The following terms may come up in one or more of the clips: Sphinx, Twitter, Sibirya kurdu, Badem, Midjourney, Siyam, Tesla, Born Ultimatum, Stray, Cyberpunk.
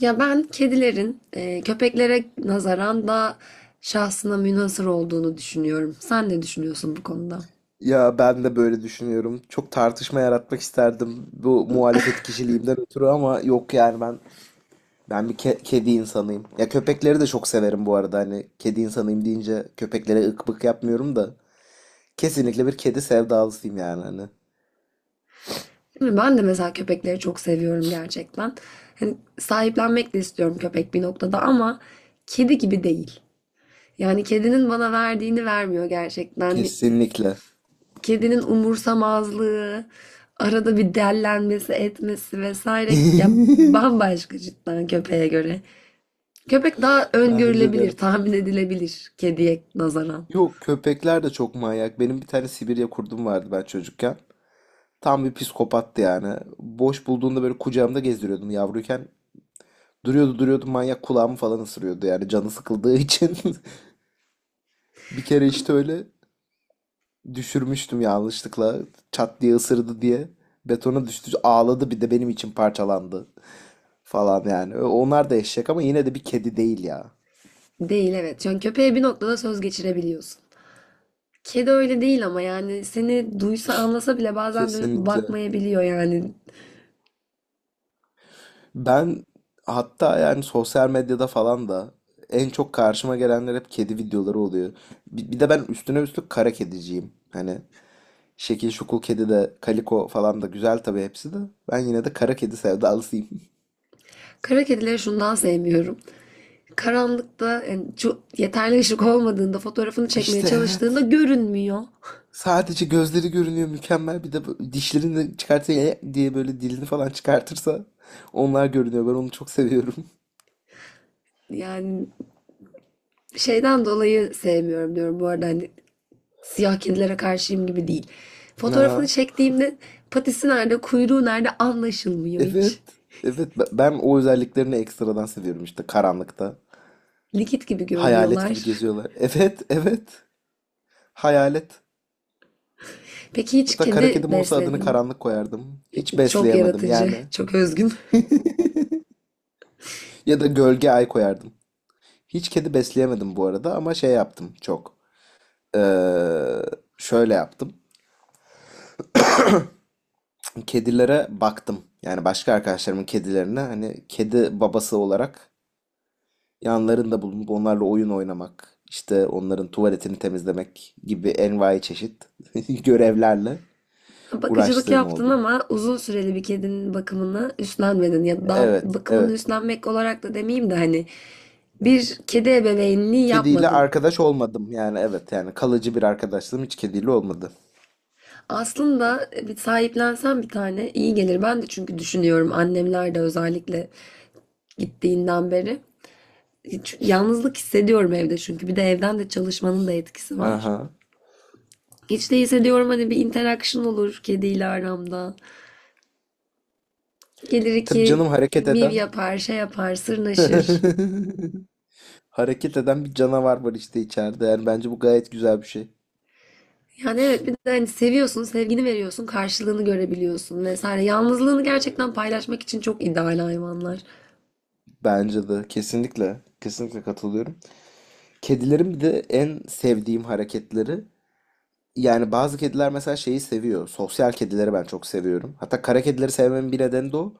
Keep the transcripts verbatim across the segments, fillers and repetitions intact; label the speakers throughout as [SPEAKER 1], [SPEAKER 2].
[SPEAKER 1] Ya ben kedilerin e, köpeklere nazaran daha şahsına münhasır olduğunu düşünüyorum. Sen ne düşünüyorsun bu konuda?
[SPEAKER 2] Ya ben de böyle düşünüyorum. Çok tartışma yaratmak isterdim bu muhalefet kişiliğimden ötürü ama yok yani ben ben bir ke- kedi insanıyım. Ya köpekleri de çok severim bu arada hani kedi insanıyım deyince köpeklere ık bık yapmıyorum da kesinlikle bir kedi sevdalısıyım yani hani.
[SPEAKER 1] Değil mi? Ben de mesela köpekleri çok seviyorum gerçekten. Hani sahiplenmek de istiyorum köpek bir noktada ama kedi gibi değil. Yani kedinin bana verdiğini vermiyor gerçekten.
[SPEAKER 2] Kesinlikle.
[SPEAKER 1] Kedinin umursamazlığı, arada bir dellenmesi, etmesi vesaire ya bambaşka cidden köpeğe göre. Köpek daha
[SPEAKER 2] Bence
[SPEAKER 1] öngörülebilir,
[SPEAKER 2] de.
[SPEAKER 1] tahmin edilebilir kediye nazaran.
[SPEAKER 2] Yok köpekler de çok manyak. Benim bir tane Sibirya kurdum vardı ben çocukken. Tam bir psikopattı yani. Boş bulduğunda böyle kucağımda gezdiriyordum yavruyken. Duruyordu duruyordu manyak kulağımı falan ısırıyordu yani canı sıkıldığı için. Bir kere işte öyle düşürmüştüm yanlışlıkla çat diye ısırdı diye. Betona düştü ağladı bir de benim için parçalandı falan yani. Ö- Onlar da eşek ama yine de bir kedi değil ya.
[SPEAKER 1] Değil, evet. Çünkü köpeğe bir noktada söz geçirebiliyorsun. Kedi öyle değil ama yani seni duysa anlasa bile bazen dönüp
[SPEAKER 2] Kesinlikle.
[SPEAKER 1] bakmayabiliyor yani.
[SPEAKER 2] Ben hatta yani sosyal medyada falan da en çok karşıma gelenler hep kedi videoları oluyor. Bi- Bir de ben üstüne üstlük kara kediciyim. Hani şekil şukul kedi de kaliko falan da güzel tabii hepsi de. Ben yine de kara kedi sevdalısıyım.
[SPEAKER 1] Kara kedileri şundan sevmiyorum. Karanlıkta yani şu yeterli ışık olmadığında fotoğrafını çekmeye
[SPEAKER 2] İşte
[SPEAKER 1] çalıştığında
[SPEAKER 2] evet.
[SPEAKER 1] görünmüyor.
[SPEAKER 2] Sadece gözleri görünüyor mükemmel. Bir de bu- dişlerini de çıkartsa "E" diye böyle dilini falan çıkartırsa onlar görünüyor. Ben onu çok seviyorum.
[SPEAKER 1] Yani şeyden dolayı sevmiyorum diyorum bu arada, hani siyah kedilere karşıyım gibi değil.
[SPEAKER 2] Aha.
[SPEAKER 1] Fotoğrafını çektiğimde patisi nerede, kuyruğu nerede anlaşılmıyor hiç.
[SPEAKER 2] Evet. Evet be- ben o özelliklerini ekstradan seviyorum işte karanlıkta.
[SPEAKER 1] Likit gibi
[SPEAKER 2] Hayalet gibi
[SPEAKER 1] görünüyorlar.
[SPEAKER 2] geziyorlar. Evet, evet. Hayalet.
[SPEAKER 1] Peki hiç
[SPEAKER 2] Hatta kara
[SPEAKER 1] kedi
[SPEAKER 2] kedim olsa adını
[SPEAKER 1] besledin mi?
[SPEAKER 2] karanlık koyardım. Hiç
[SPEAKER 1] Çok
[SPEAKER 2] besleyemedim
[SPEAKER 1] yaratıcı,
[SPEAKER 2] yani.
[SPEAKER 1] çok özgün.
[SPEAKER 2] Ya da gölge ay koyardım. Hiç kedi besleyemedim bu arada ama şey yaptım çok. Ee, Şöyle yaptım. Kedilere baktım. Yani başka arkadaşlarımın kedilerine hani kedi babası olarak yanlarında bulunup onlarla oyun oynamak, işte onların tuvaletini temizlemek gibi envai çeşit görevlerle
[SPEAKER 1] Bakıcılık
[SPEAKER 2] uğraştığım
[SPEAKER 1] yaptın
[SPEAKER 2] oldu.
[SPEAKER 1] ama uzun süreli bir kedinin bakımını üstlenmedin. Ya da
[SPEAKER 2] Evet,
[SPEAKER 1] bakımını
[SPEAKER 2] evet.
[SPEAKER 1] üstlenmek olarak da demeyeyim de hani bir kedi ebeveynliği
[SPEAKER 2] Kediyle
[SPEAKER 1] yapmadın.
[SPEAKER 2] arkadaş olmadım yani evet yani kalıcı bir arkadaşlığım hiç kediyle olmadı.
[SPEAKER 1] Aslında bir sahiplensen bir tane iyi gelir. Ben de çünkü düşünüyorum, annemler de özellikle gittiğinden beri. Çünkü yalnızlık hissediyorum evde, çünkü bir de evden de çalışmanın da etkisi var.
[SPEAKER 2] Aha.
[SPEAKER 1] Hiç değilse diyorum hani bir interaction olur kediyle aramda. Gelir
[SPEAKER 2] Tabii
[SPEAKER 1] iki
[SPEAKER 2] canım hareket
[SPEAKER 1] miv
[SPEAKER 2] eden.
[SPEAKER 1] yapar, şey yapar, sırnaşır.
[SPEAKER 2] Hareket eden bir canavar var işte içeride. Yani bence bu gayet güzel bir şey.
[SPEAKER 1] Yani evet, bir de hani seviyorsun, sevgini veriyorsun, karşılığını görebiliyorsun vesaire. Yalnızlığını
[SPEAKER 2] Hı
[SPEAKER 1] gerçekten
[SPEAKER 2] hı.
[SPEAKER 1] paylaşmak için çok ideal hayvanlar.
[SPEAKER 2] Bence de kesinlikle kesinlikle katılıyorum. Kedilerin bir de en sevdiğim hareketleri yani bazı kediler mesela şeyi seviyor. Sosyal kedileri ben çok seviyorum. Hatta kara kedileri sevmemin bir nedeni de o.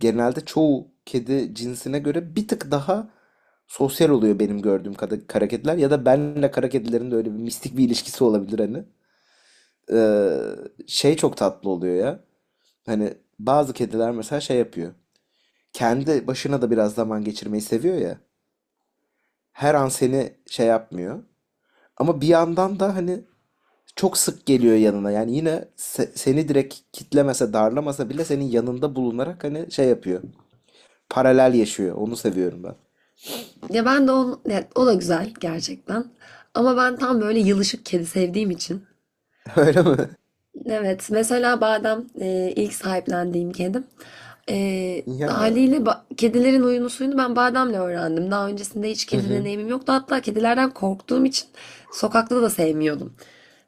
[SPEAKER 2] Genelde çoğu kedi cinsine göre bir tık daha sosyal oluyor benim gördüğüm kadar kara kediler ya da benle kara kedilerin de öyle bir mistik bir ilişkisi olabilir hani. Ee, Şey çok tatlı oluyor ya. Hani bazı kediler mesela şey yapıyor. Kendi başına da biraz zaman geçirmeyi seviyor ya. Her an seni şey yapmıyor. Ama bir yandan da hani çok sık geliyor yanına. Yani yine se- seni direkt kitlemese, darlamasa bile senin yanında bulunarak hani şey yapıyor. Paralel yaşıyor. Onu seviyorum ben.
[SPEAKER 1] Ya ben de on, ya o da güzel gerçekten. Ama ben tam böyle yılışık kedi sevdiğim için.
[SPEAKER 2] Öyle mi?
[SPEAKER 1] Evet, mesela Badem e, ilk sahiplendiğim kedim. E,
[SPEAKER 2] Ya.
[SPEAKER 1] Haliyle ba- kedilerin huyunu suyunu ben Badem'le öğrendim. Daha öncesinde hiç
[SPEAKER 2] Hı
[SPEAKER 1] kedi
[SPEAKER 2] hı.
[SPEAKER 1] deneyimim yoktu. Hatta kedilerden korktuğum için sokakta da sevmiyordum.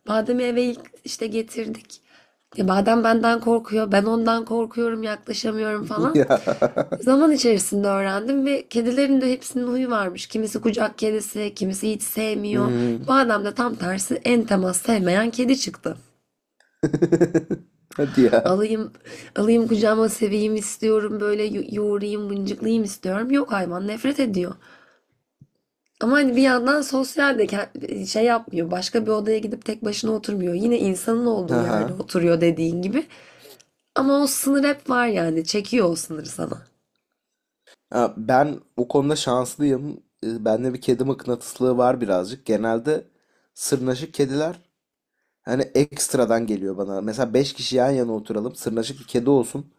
[SPEAKER 1] Badem'i eve ilk işte getirdik. Ya Badem benden korkuyor, ben ondan korkuyorum, yaklaşamıyorum falan.
[SPEAKER 2] Ya.
[SPEAKER 1] Zaman içerisinde öğrendim ve kedilerin de hepsinin huyu varmış. Kimisi kucak kedisi, kimisi hiç
[SPEAKER 2] Hı
[SPEAKER 1] sevmiyor.
[SPEAKER 2] hı.
[SPEAKER 1] Badem de tam tersi en temas sevmeyen kedi çıktı.
[SPEAKER 2] Hadi ya.
[SPEAKER 1] Alayım, alayım kucağıma seveyim istiyorum, böyle yo- yoğurayım mıncıklayayım istiyorum. Yok, hayvan nefret ediyor. Ama hani bir yandan sosyal de ke- şey yapmıyor. Başka bir odaya gidip tek başına oturmuyor. Yine insanın olduğu yerde
[SPEAKER 2] Aha.
[SPEAKER 1] oturuyor, dediğin gibi. Ama o sınır hep var yani. Çekiyor o sınırı sana.
[SPEAKER 2] Ha, ben bu konuda şanslıyım. E, Bende bir kedi mıknatıslığı var birazcık. Genelde sırnaşık kediler hani ekstradan geliyor bana. Mesela beş kişi yan yana oturalım. Sırnaşık bir kedi olsun.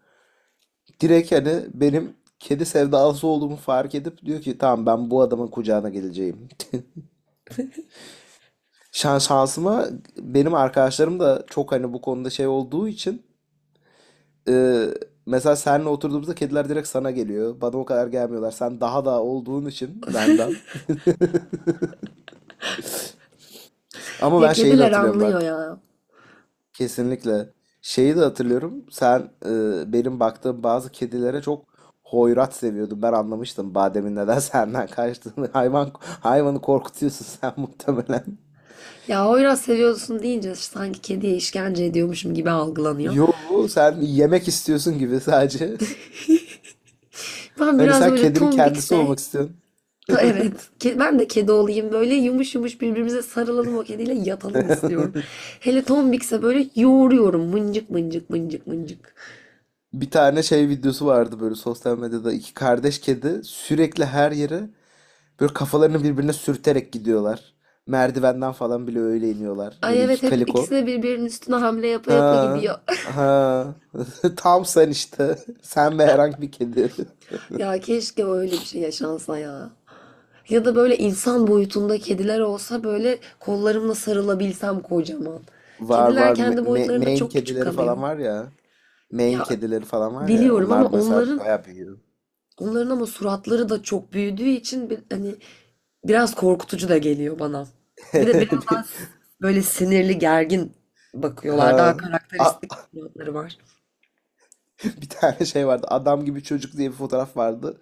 [SPEAKER 2] Direkt hani benim kedi sevdalısı olduğumu fark edip diyor ki tamam ben bu adamın kucağına geleceğim. Şan şansıma benim arkadaşlarım da çok hani bu konuda şey olduğu için e, mesela seninle oturduğumuzda kediler direkt sana geliyor. Bana o kadar gelmiyorlar. Sen daha da olduğun için benden. Ama
[SPEAKER 1] Ya
[SPEAKER 2] ben şeyi de
[SPEAKER 1] kediler
[SPEAKER 2] hatırlıyorum
[SPEAKER 1] anlıyor
[SPEAKER 2] bak.
[SPEAKER 1] ya.
[SPEAKER 2] Kesinlikle. Şeyi de hatırlıyorum. Sen e, benim baktığım bazı kedilere çok hoyrat seviyordun. Ben anlamıştım bademin neden senden kaçtığını. Hayvan hayvanı korkutuyorsun sen muhtemelen.
[SPEAKER 1] Ya oyraz seviyorsun deyince sanki kediye işkence ediyormuşum gibi algılanıyor.
[SPEAKER 2] Yo, sen yemek istiyorsun gibi sadece.
[SPEAKER 1] Ben
[SPEAKER 2] Hani
[SPEAKER 1] biraz
[SPEAKER 2] sen
[SPEAKER 1] böyle
[SPEAKER 2] kedinin kendisi
[SPEAKER 1] tombikse.
[SPEAKER 2] olmak istiyorsun.
[SPEAKER 1] Ta- Evet.
[SPEAKER 2] Evet.
[SPEAKER 1] Ke- Ben de kedi olayım, böyle yumuş yumuş birbirimize sarılalım, o kediyle yatalım istiyorum. Hele tombikse böyle yoğuruyorum, mıncık mıncık mıncık mıncık.
[SPEAKER 2] Bir tane şey videosu vardı böyle sosyal medyada iki kardeş kedi sürekli her yere böyle kafalarını birbirine sürterek gidiyorlar. Merdivenden falan bile öyle iniyorlar. Böyle
[SPEAKER 1] Ay
[SPEAKER 2] iki
[SPEAKER 1] evet, hep
[SPEAKER 2] kaliko.
[SPEAKER 1] ikisine birbirinin üstüne hamle yapa yapa
[SPEAKER 2] Ha,
[SPEAKER 1] gidiyor.
[SPEAKER 2] ha. Tam sen işte. Sen ve herhangi bir kedi.
[SPEAKER 1] Ya keşke öyle bir şey yaşansa ya. Ya da böyle insan boyutunda kediler olsa, böyle kollarımla sarılabilsem kocaman.
[SPEAKER 2] Var,
[SPEAKER 1] Kediler
[SPEAKER 2] var. Me-
[SPEAKER 1] kendi
[SPEAKER 2] me-
[SPEAKER 1] boyutlarında
[SPEAKER 2] Maine
[SPEAKER 1] çok küçük
[SPEAKER 2] kedileri
[SPEAKER 1] kalıyor.
[SPEAKER 2] falan var ya. Maine
[SPEAKER 1] Ya
[SPEAKER 2] kedileri falan var ya.
[SPEAKER 1] biliyorum,
[SPEAKER 2] Onlar
[SPEAKER 1] ama
[SPEAKER 2] mesela
[SPEAKER 1] onların
[SPEAKER 2] bayağı büyüyor.
[SPEAKER 1] onların ama suratları da çok büyüdüğü için bir, hani biraz korkutucu da geliyor bana. Bir de biraz
[SPEAKER 2] Bir-
[SPEAKER 1] daha böyle sinirli, gergin bakıyorlar. Daha
[SPEAKER 2] Ha. A-
[SPEAKER 1] karakteristik yanları var.
[SPEAKER 2] bir tane şey vardı. Adam gibi çocuk diye bir fotoğraf vardı.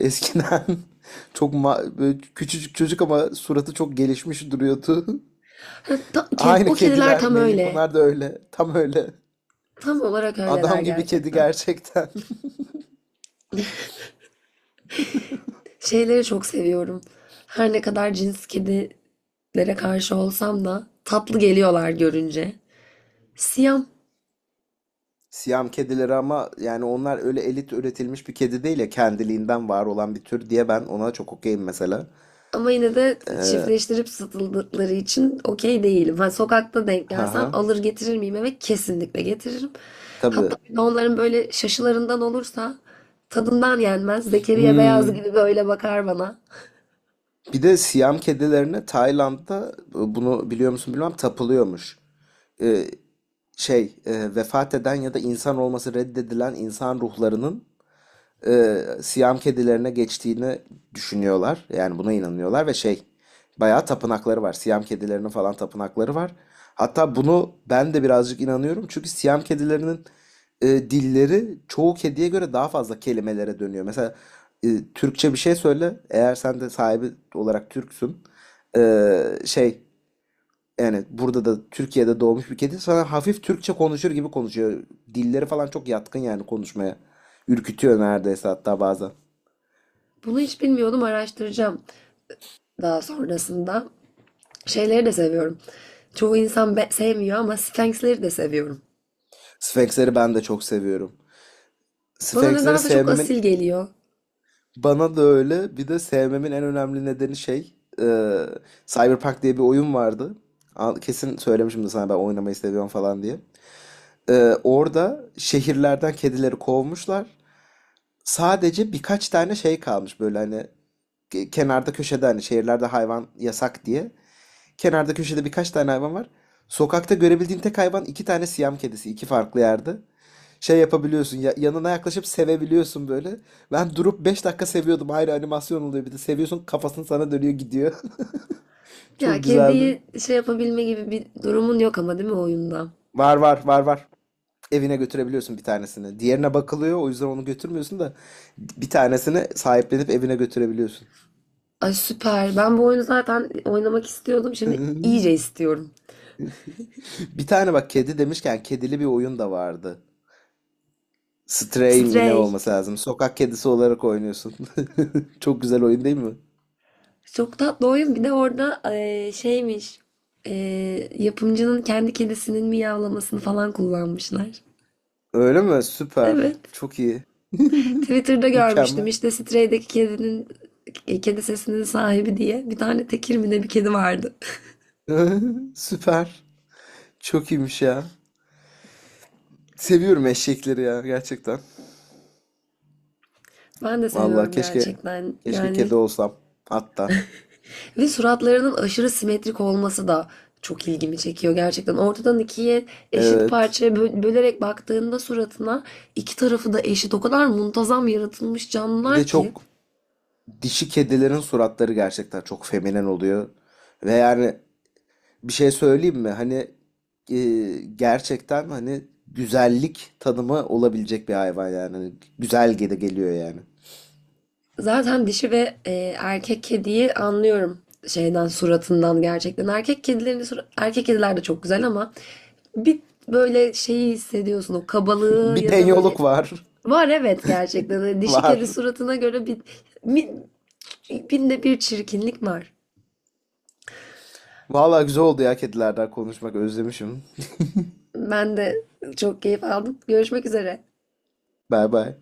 [SPEAKER 2] Eskiden çok ma- böyle küçücük çocuk ama suratı çok gelişmiş duruyordu.
[SPEAKER 1] Ha, ta- ked-
[SPEAKER 2] Aynı
[SPEAKER 1] o kediler
[SPEAKER 2] kediler.
[SPEAKER 1] tam
[SPEAKER 2] Melin
[SPEAKER 1] öyle.
[SPEAKER 2] Kunar da öyle. Tam öyle.
[SPEAKER 1] Tam olarak öyleler
[SPEAKER 2] Adam gibi kedi
[SPEAKER 1] gerçekten.
[SPEAKER 2] gerçekten.
[SPEAKER 1] Şeyleri çok seviyorum. Her ne kadar cins kedilere karşı olsam da tatlı geliyorlar görünce. Siyam.
[SPEAKER 2] Siyam kedileri ama yani onlar öyle elit üretilmiş bir kedi değil ya kendiliğinden var olan bir tür diye ben ona çok okeyim mesela.
[SPEAKER 1] Ama yine de
[SPEAKER 2] Ee,
[SPEAKER 1] çiftleştirip satıldıkları için okey değilim. Ha, sokakta denk gelsem
[SPEAKER 2] haha.
[SPEAKER 1] alır getirir miyim eve? Kesinlikle getiririm. Hatta
[SPEAKER 2] Tabii.
[SPEAKER 1] bir de onların böyle şaşılarından olursa tadından yenmez. Zekeriya Beyaz
[SPEAKER 2] Hmm.
[SPEAKER 1] gibi böyle bakar bana.
[SPEAKER 2] Bir de Siyam kedilerine Tayland'da bunu biliyor musun bilmem tapılıyormuş. Ee, şey e, vefat eden ya da insan olması reddedilen insan ruhlarının e, Siyam kedilerine geçtiğini düşünüyorlar. Yani buna inanıyorlar ve şey bayağı tapınakları var. Siyam kedilerinin falan tapınakları var. Hatta bunu ben de birazcık inanıyorum. Çünkü Siyam kedilerinin e, dilleri çoğu kediye göre daha fazla kelimelere dönüyor. Mesela e, Türkçe bir şey söyle. Eğer sen de sahibi olarak Türksün. e, şey Evet, burada da Türkiye'de doğmuş bir kedi. Sana hafif Türkçe konuşur gibi konuşuyor. Dilleri falan çok yatkın yani konuşmaya. Ürkütüyor neredeyse hatta bazen.
[SPEAKER 1] Bunu hiç bilmiyordum, araştıracağım daha sonrasında. Şeyleri de seviyorum. Çoğu insan be- sevmiyor, ama Sphinx'leri de seviyorum.
[SPEAKER 2] Sfenksleri ben de çok seviyorum.
[SPEAKER 1] Bana
[SPEAKER 2] Sfenksleri
[SPEAKER 1] nedense çok
[SPEAKER 2] sevmemin
[SPEAKER 1] asil geliyor.
[SPEAKER 2] bana da öyle. Bir de sevmemin en önemli nedeni şey, e, Cyberpunk diye bir oyun vardı. Al- Kesin söylemişim de sana ben oynamayı seviyorum falan diye. E, orada şehirlerden kedileri kovmuşlar. Sadece birkaç tane şey kalmış böyle hani ke- kenarda köşede hani şehirlerde hayvan yasak diye. Kenarda köşede birkaç tane hayvan var. Sokakta görebildiğin tek hayvan iki tane Siyam kedisi iki farklı yerde. Şey yapabiliyorsun ya, yanına yaklaşıp sevebiliyorsun böyle. Ben durup beş dakika seviyordum. Ayrı animasyon oluyor bir de. Seviyorsun kafasını sana dönüyor gidiyor.
[SPEAKER 1] Ya
[SPEAKER 2] Çok güzeldi.
[SPEAKER 1] kediyi şey yapabilme gibi bir durumun yok ama, değil mi, oyunda?
[SPEAKER 2] Var var var var. Evine götürebiliyorsun bir tanesini. Diğerine bakılıyor o yüzden onu götürmüyorsun da bir tanesini sahiplenip evine götürebiliyorsun.
[SPEAKER 1] Ay süper. Ben bu oyunu zaten oynamak istiyordum. Şimdi iyice istiyorum.
[SPEAKER 2] Bir tane bak kedi demişken kedili bir oyun da vardı. Stray mi ne
[SPEAKER 1] Stray.
[SPEAKER 2] olması lazım? Sokak kedisi olarak oynuyorsun. Çok güzel oyun değil mi?
[SPEAKER 1] Çok tatlı oyun. Bir de orada eee, şeymiş. Eee, yapımcının kendi kedisinin miyavlamasını falan kullanmışlar.
[SPEAKER 2] Öyle mi? Süper.
[SPEAKER 1] Evet.
[SPEAKER 2] Çok iyi.
[SPEAKER 1] Twitter'da görmüştüm.
[SPEAKER 2] Mükemmel.
[SPEAKER 1] İşte Stray'deki kedinin e, kedi sesinin sahibi diye bir tane tekir mi ne bir kedi vardı.
[SPEAKER 2] Süper. Çok iyiymiş ya. Seviyorum eşekleri ya gerçekten.
[SPEAKER 1] Ben de
[SPEAKER 2] Vallahi
[SPEAKER 1] seviyorum
[SPEAKER 2] keşke
[SPEAKER 1] gerçekten.
[SPEAKER 2] keşke
[SPEAKER 1] Yani,
[SPEAKER 2] kedi olsam hatta.
[SPEAKER 1] ve suratlarının aşırı simetrik olması da çok ilgimi çekiyor gerçekten. Ortadan ikiye eşit
[SPEAKER 2] Evet.
[SPEAKER 1] parçaya bö- bölerek baktığında suratına, iki tarafı da eşit. O kadar muntazam yaratılmış
[SPEAKER 2] Bir de
[SPEAKER 1] canlılar ki.
[SPEAKER 2] çok dişi kedilerin suratları gerçekten çok feminen oluyor. Ve yani bir şey söyleyeyim mi? Hani e, gerçekten hani güzellik tanımı olabilecek bir hayvan yani. Hani güzel gele geliyor yani.
[SPEAKER 1] Zaten dişi ve e, erkek kediyi anlıyorum şeyden, suratından gerçekten. Erkek kedilerin sura- erkek kediler de çok güzel ama bir böyle şeyi hissediyorsun, o kabalığı
[SPEAKER 2] Bir
[SPEAKER 1] ya da böyle.
[SPEAKER 2] denyoluk var.
[SPEAKER 1] Var, evet, gerçekten. Hani dişi kedi
[SPEAKER 2] Var.
[SPEAKER 1] suratına göre bir, bir binde bir çirkinlik var.
[SPEAKER 2] Vallahi güzel oldu ya kedilerden konuşmak özlemişim.
[SPEAKER 1] Ben de çok keyif aldım. Görüşmek üzere.
[SPEAKER 2] Bay bay.